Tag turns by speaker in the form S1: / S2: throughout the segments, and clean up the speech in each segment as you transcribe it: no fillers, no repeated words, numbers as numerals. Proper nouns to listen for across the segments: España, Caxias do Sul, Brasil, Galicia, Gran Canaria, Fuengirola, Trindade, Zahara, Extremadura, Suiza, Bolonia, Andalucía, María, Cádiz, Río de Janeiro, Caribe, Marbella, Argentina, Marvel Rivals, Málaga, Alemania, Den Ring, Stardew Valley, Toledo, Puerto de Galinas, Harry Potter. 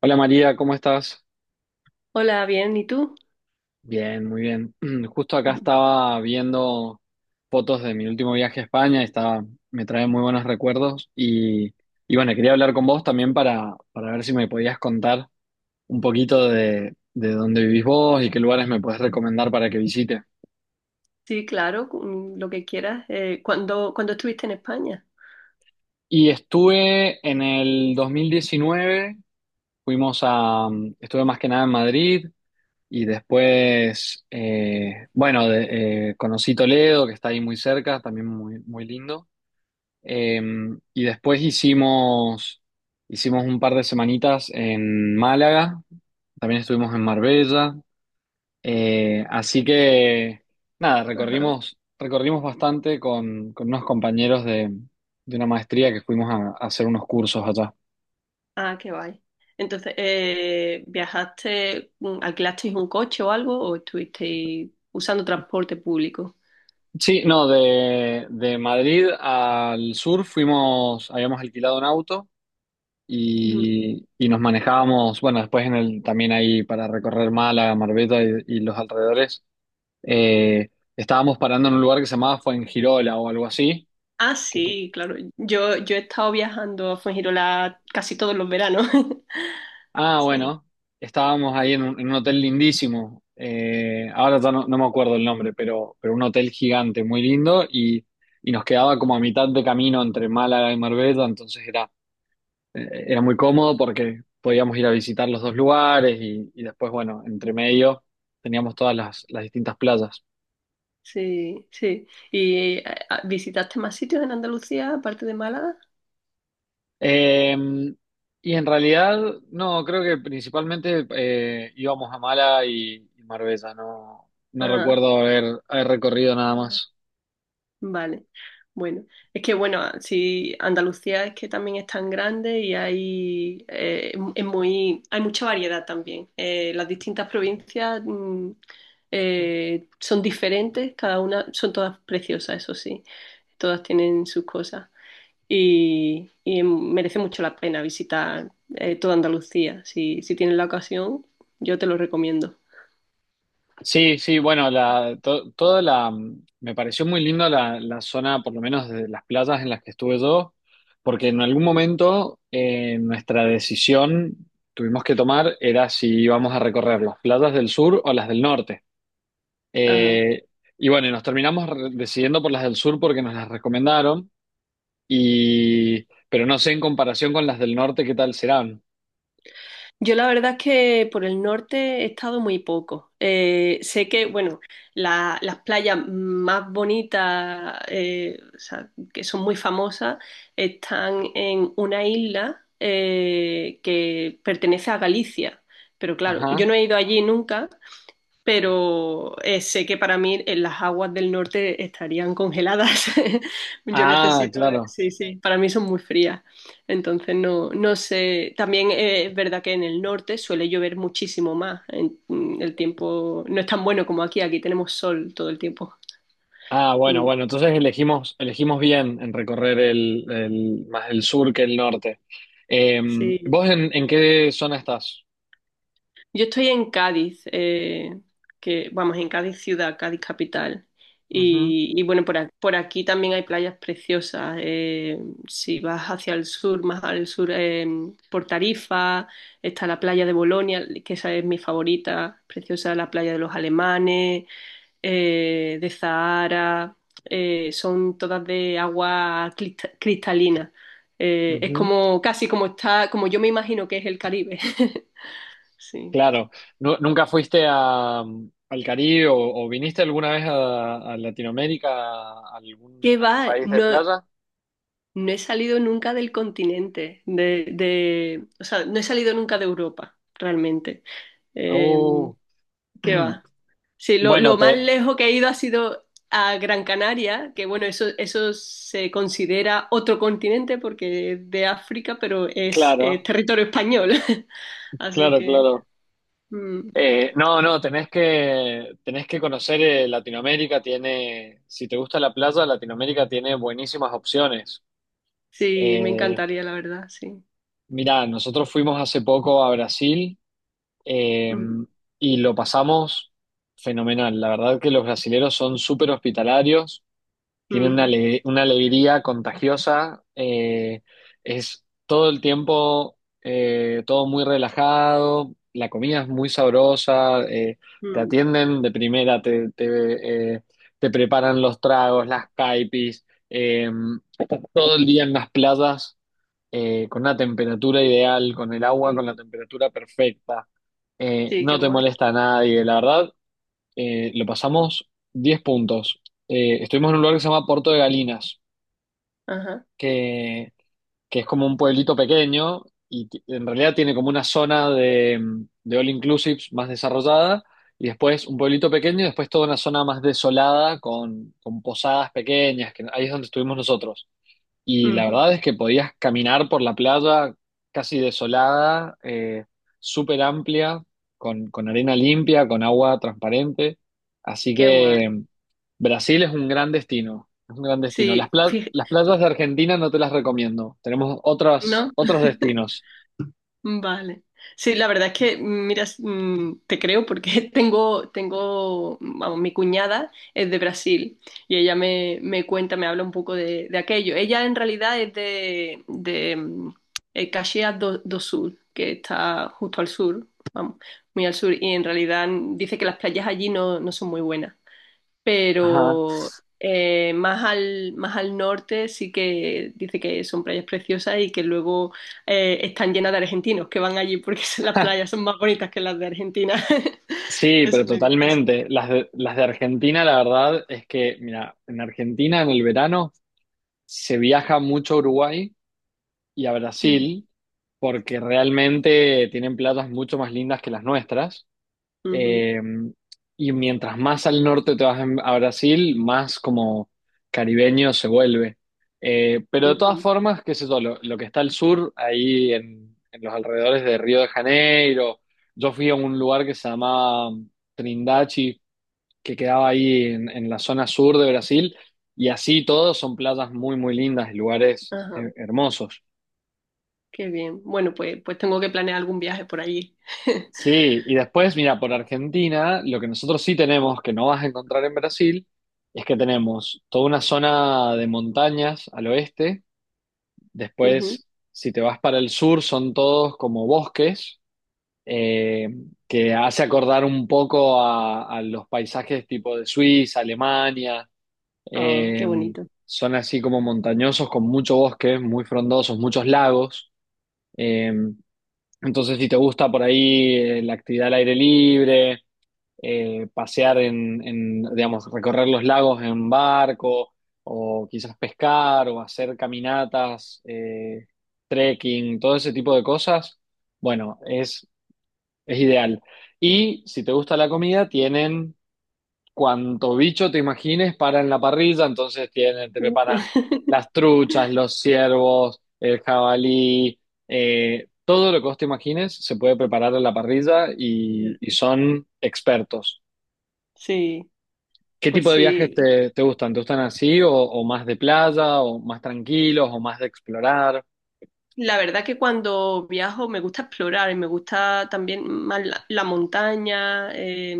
S1: Hola María, ¿cómo estás?
S2: Hola, bien, ¿y tú?
S1: Bien, muy bien. Justo acá estaba viendo fotos de mi último viaje a España me trae muy buenos recuerdos y bueno, quería hablar con vos también para ver si me podías contar un poquito de dónde vivís vos y qué lugares me podés recomendar para que visite.
S2: Sí, claro, mm, lo que quieras. ¿Cuándo estuviste en España?
S1: Y estuve en el 2019. fuimos a, Estuve más que nada en Madrid. Y después, bueno, conocí Toledo, que está ahí muy cerca, también muy, muy lindo. Eh, y después hicimos, Hicimos un par de semanitas en Málaga, también estuvimos en Marbella. Así que, nada,
S2: Ajá.
S1: recorrimos, Recorrimos bastante con unos compañeros de una maestría que fuimos a hacer unos cursos allá.
S2: Ah, qué guay. Entonces, ¿viajaste, alquilasteis un coche o algo o estuvisteis usando transporte público?
S1: Sí, no, de Madrid al sur fuimos, habíamos alquilado un auto.
S2: Ujú.
S1: Y y, nos manejábamos, bueno, después en el, también ahí para recorrer Málaga, Marbella y los alrededores. eh, Estábamos parando en un lugar que se llamaba Fuengirola o algo así.
S2: Ah,
S1: que- que-
S2: sí, claro. Yo he estado viajando a Fuengirola casi todos los veranos. Sí,
S1: bueno, estábamos ahí en un hotel lindísimo. Ahora ya no, no me acuerdo el nombre, pero un hotel gigante, muy lindo, y nos quedaba como a mitad de camino entre Málaga y Marbella, era muy cómodo porque podíamos ir a visitar los dos lugares y después, bueno, entre medio teníamos todas las distintas playas.
S2: sí, sí. ¿Y visitaste más sitios en Andalucía aparte de Málaga?
S1: Eh, y en realidad, no, creo que principalmente íbamos a Mala y Marbella, no, no
S2: Ajá.
S1: recuerdo haber, haber recorrido nada más.
S2: Vale, bueno, es que si Andalucía es que también es tan grande y hay es muy hay mucha variedad también. Las distintas provincias mm, son diferentes, cada una son todas preciosas, eso sí, todas tienen sus cosas y merece mucho la pena visitar toda Andalucía. Si si tienes la ocasión, yo te lo recomiendo.
S1: Sí, sí, bueno, toda la, mm, me pareció muy lindo la zona, por lo menos de las playas en las que estuve yo, porque en algún
S2: Mm.
S1: momento nuestra decisión tuvimos que tomar era si íbamos a recorrer las playas del sur o las del norte.
S2: Ajá.
S1: Eh, y bueno, y nos terminamos decidiendo por las del sur porque nos las recomendaron, y, pero no sé en comparación con las del norte qué tal serán.
S2: Yo la verdad es que por el norte he estado muy poco. Sé que, bueno, las playas más bonitas, o sea, que son muy famosas, están en una isla que pertenece a Galicia. Pero claro, yo
S1: Ajá.
S2: no he ido allí nunca, pero sé que para mí en las aguas del norte estarían congeladas. Yo
S1: Ah,
S2: necesito,
S1: claro.
S2: sí, sí, para mí son muy frías. Entonces no, no sé, también es verdad que en el norte suele llover muchísimo más. El tiempo no es tan bueno como aquí, aquí tenemos sol todo el tiempo.
S1: Ah, bueno,
S2: Mm,
S1: bueno, entonces elegimos, elegimos bien en recorrer más el sur que el norte. Eh,
S2: sí.
S1: ¿Vos en qué zona estás?
S2: Yo estoy en Cádiz, que vamos, en Cádiz ciudad, Cádiz capital.
S1: Ujú,
S2: Y bueno, por aquí también hay playas preciosas. Eh, si vas hacia el sur, más al sur, por Tarifa, está la playa de Bolonia, que esa es mi favorita, preciosa, la playa de los alemanes, de Zahara, son todas de agua cristalina. Es
S1: ujú.
S2: como como yo me imagino que es el Caribe. Sí.
S1: Claro. ¿Nunca fuiste a, mm, al Caribe o viniste alguna vez a Latinoamérica, a algún,
S2: ¿Qué
S1: algún
S2: va?
S1: país de
S2: No,
S1: playa?
S2: no he salido nunca del continente, o sea, no he salido nunca de Europa, realmente. Eh,
S1: Oh,
S2: ¿Qué va? Sí,
S1: bueno,
S2: lo más
S1: te,
S2: lejos que he ido ha sido a Gran Canaria, que bueno, eso se considera otro continente porque es de África, pero es
S1: claro,
S2: territorio español. Así
S1: claro,
S2: que
S1: claro.
S2: mm,
S1: No, no, tenés que conocer Latinoamérica, tiene, si te gusta la playa, Latinoamérica tiene buenísimas opciones.
S2: sí, me
S1: Eh,
S2: encantaría, la verdad, sí.
S1: Mirá, nosotros fuimos hace poco a Brasil eh,
S2: Ujú,
S1: y lo pasamos fenomenal. La verdad que los brasileros son súper hospitalarios, tiene una,
S2: ujú,
S1: una alegría contagiosa, es todo el tiempo, todo muy relajado, la comida es muy sabrosa, te
S2: ujú,
S1: atienden de primera, te preparan los tragos, las caipis, estás todo el día en las playas, con una temperatura ideal, con el agua con la
S2: sí,
S1: temperatura perfecta,
S2: sí, qué
S1: no te
S2: guay.
S1: molesta a nadie, la verdad lo pasamos 10 puntos. Estuvimos en un lugar que se llama Puerto de Galinas,
S2: Ajá,
S1: que, que es como un pueblito pequeño y en realidad tiene como una zona de all inclusives más desarrollada y después un pueblito pequeño y después toda una zona más desolada con posadas pequeñas, que ahí es donde estuvimos nosotros. Y la
S2: ujú,
S1: verdad es que podías caminar por la playa casi desolada, súper amplia, con arena limpia, con agua transparente. Así
S2: qué
S1: que
S2: guay.
S1: mm, Brasil es un gran destino, es un gran destino.
S2: Sí, fij-
S1: Las playas de Argentina no te las recomiendo, tenemos otras,
S2: ¿No?
S1: otros destinos.
S2: Vale. Sí, la verdad es que, mira, te creo porque tengo, mi cuñada es de Brasil y ella me, me cuenta, me habla un poco de aquello. Ella en realidad es de Caxias do, do Sul, que está justo al sur, vamos, muy al sur, y en realidad dice que las playas allí no, no son muy buenas.
S1: Ajá.
S2: Pero más al norte sí que dice que son playas preciosas y que luego están llenas de argentinos que van allí porque las playas son más bonitas que las de Argentina.
S1: Sí, pero
S2: Eso me dice así.
S1: totalmente. Las de Argentina, la verdad es que, mira, en Argentina en el verano se viaja mucho a Uruguay y a
S2: Ujú,
S1: Brasil, porque realmente tienen playas mucho más lindas que las nuestras.
S2: ujú,
S1: Eh, y mientras más al norte te vas a Brasil, más como caribeño se vuelve. Pero de todas
S2: ujú.
S1: formas, qué sé yo, lo que está al sur, ahí en los alrededores de Río de Janeiro, yo fui a un lugar que se llamaba Trindade, que quedaba ahí en la zona sur de Brasil, y así todos son playas muy, muy lindas y lugares
S2: Ajá,
S1: hermosos.
S2: qué bien. Bueno, pues, pues tengo que planear algún viaje por allí.
S1: Sí, y después, mira, por Argentina, lo que nosotros sí tenemos, que no vas a encontrar en Brasil, es que tenemos toda una zona de montañas al oeste.
S2: Ujú.
S1: Después, si te vas para el sur, son todos como bosques, eh, que hace acordar un poco a los paisajes tipo de Suiza, Alemania.
S2: Ah,
S1: Eh,
S2: qué bonito.
S1: Son así como montañosos con mucho bosque, muy frondosos, muchos lagos. Eh, entonces, si te gusta por ahí la actividad al aire libre pasear digamos, recorrer los lagos en barco o quizás pescar o hacer caminatas, trekking, todo ese tipo de cosas, bueno, es ideal. Y si te gusta la comida, tienen cuanto bicho te imagines para en la parrilla, entonces tienen, te
S2: Uh.
S1: preparan las truchas, los ciervos, el jabalí, todo lo que vos te imagines se puede preparar en la parrilla
S2: Ya.
S1: y son expertos.
S2: Sí,
S1: ¿Qué
S2: pues
S1: tipo de viajes
S2: sí.
S1: te gustan? ¿Te gustan así o más de playa o más tranquilos o más de explorar?
S2: La verdad que cuando viajo me gusta explorar y me gusta también más la, la montaña. Eh,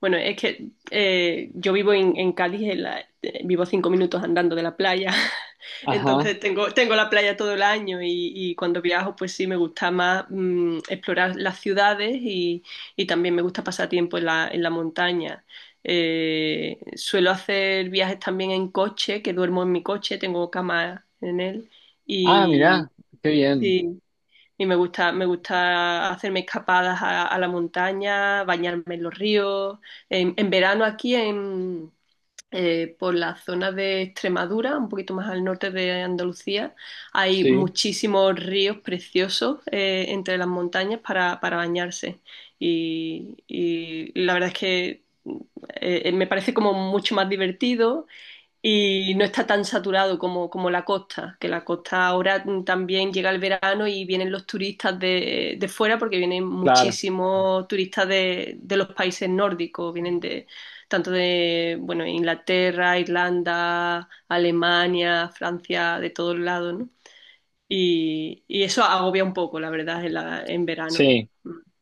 S2: bueno, es que yo vivo en Cádiz, vivo a 5 minutos andando de la playa,
S1: Ajá.
S2: entonces tengo, tengo la playa todo el año y cuando viajo pues sí me gusta más mm, explorar las ciudades y también me gusta pasar tiempo en la montaña. Suelo hacer viajes también en coche, que duermo en mi coche, tengo cama en él.
S1: Ah, mirá, qué bien.
S2: Sí, y me gusta hacerme escapadas a la montaña, bañarme en los ríos. En verano aquí en, por la zona de Extremadura, un poquito más al norte de Andalucía, hay
S1: Sí,
S2: muchísimos ríos preciosos entre las montañas para bañarse. Y la verdad es que me parece como mucho más divertido y no está tan saturado como, como la costa, que la costa ahora también llega el verano y vienen los turistas de fuera, porque vienen
S1: claro.
S2: muchísimos turistas de los países nórdicos, vienen de tanto de, bueno, Inglaterra, Irlanda, Alemania, Francia, de todos lados, ¿no? Y eso agobia un poco, la verdad, en verano.
S1: Sí,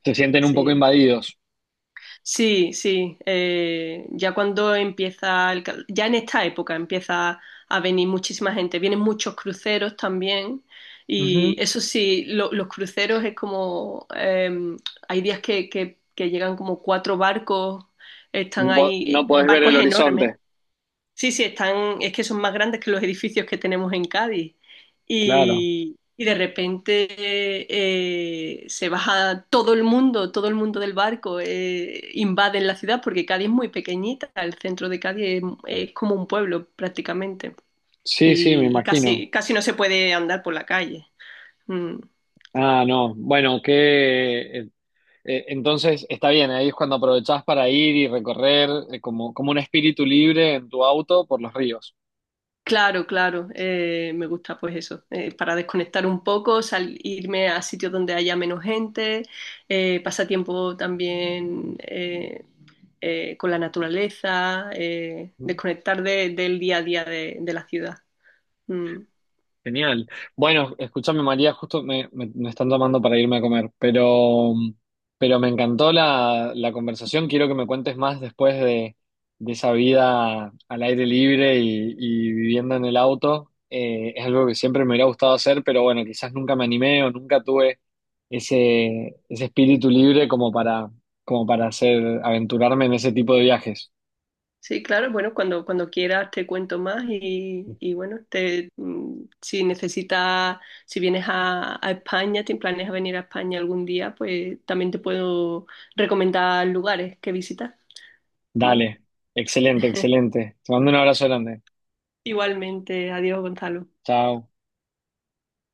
S1: se sienten un poco
S2: Sí.
S1: invadidos.
S2: Sí, sí. Eh, ya cuando ya en esta época empieza a venir muchísima gente. Vienen muchos cruceros también.
S1: Ujú.
S2: Y eso sí, los cruceros es como hay días que llegan como cuatro barcos, están ahí,
S1: No podés ver el
S2: barcos enormes.
S1: horizonte.
S2: Sí, sí, están, es que son más grandes que los edificios que tenemos en Cádiz.
S1: Claro.
S2: Y de repente se baja todo el mundo del barco, invaden la ciudad, porque Cádiz es muy pequeñita, el centro de Cádiz es como un pueblo prácticamente.
S1: Sí, sí, me
S2: Y
S1: imagino.
S2: casi, casi no se puede andar por la calle. Mm.
S1: Ah, no. Bueno, que entonces está bien, ahí es cuando aprovechás para ir y recorrer como, como un espíritu libre en tu auto por los ríos.
S2: Claro, claro, me gusta pues eso, para desconectar un poco, irme a sitios donde haya menos gente, pasar tiempo también con la naturaleza, desconectar del día a día de la ciudad. Mm.
S1: Genial. Bueno, escúchame María, justo me están llamando para irme a comer, pero me encantó la conversación. Quiero que me cuentes más después de esa vida al aire libre y viviendo en el auto. Es algo que siempre me hubiera gustado hacer, pero bueno, quizás nunca me animé o nunca tuve ese espíritu libre como para, como para hacer, aventurarme en ese tipo de viajes.
S2: Sí, claro, bueno, cuando, cuando quieras te cuento más y bueno, te, mm, si necesitas, si vienes a España, te planeas venir a España algún día, pues también te puedo recomendar lugares que visitar. Mm.
S1: Dale, excelente, excelente. Te mando un abrazo grande.
S2: Igualmente, adiós, Gonzalo.
S1: Chao.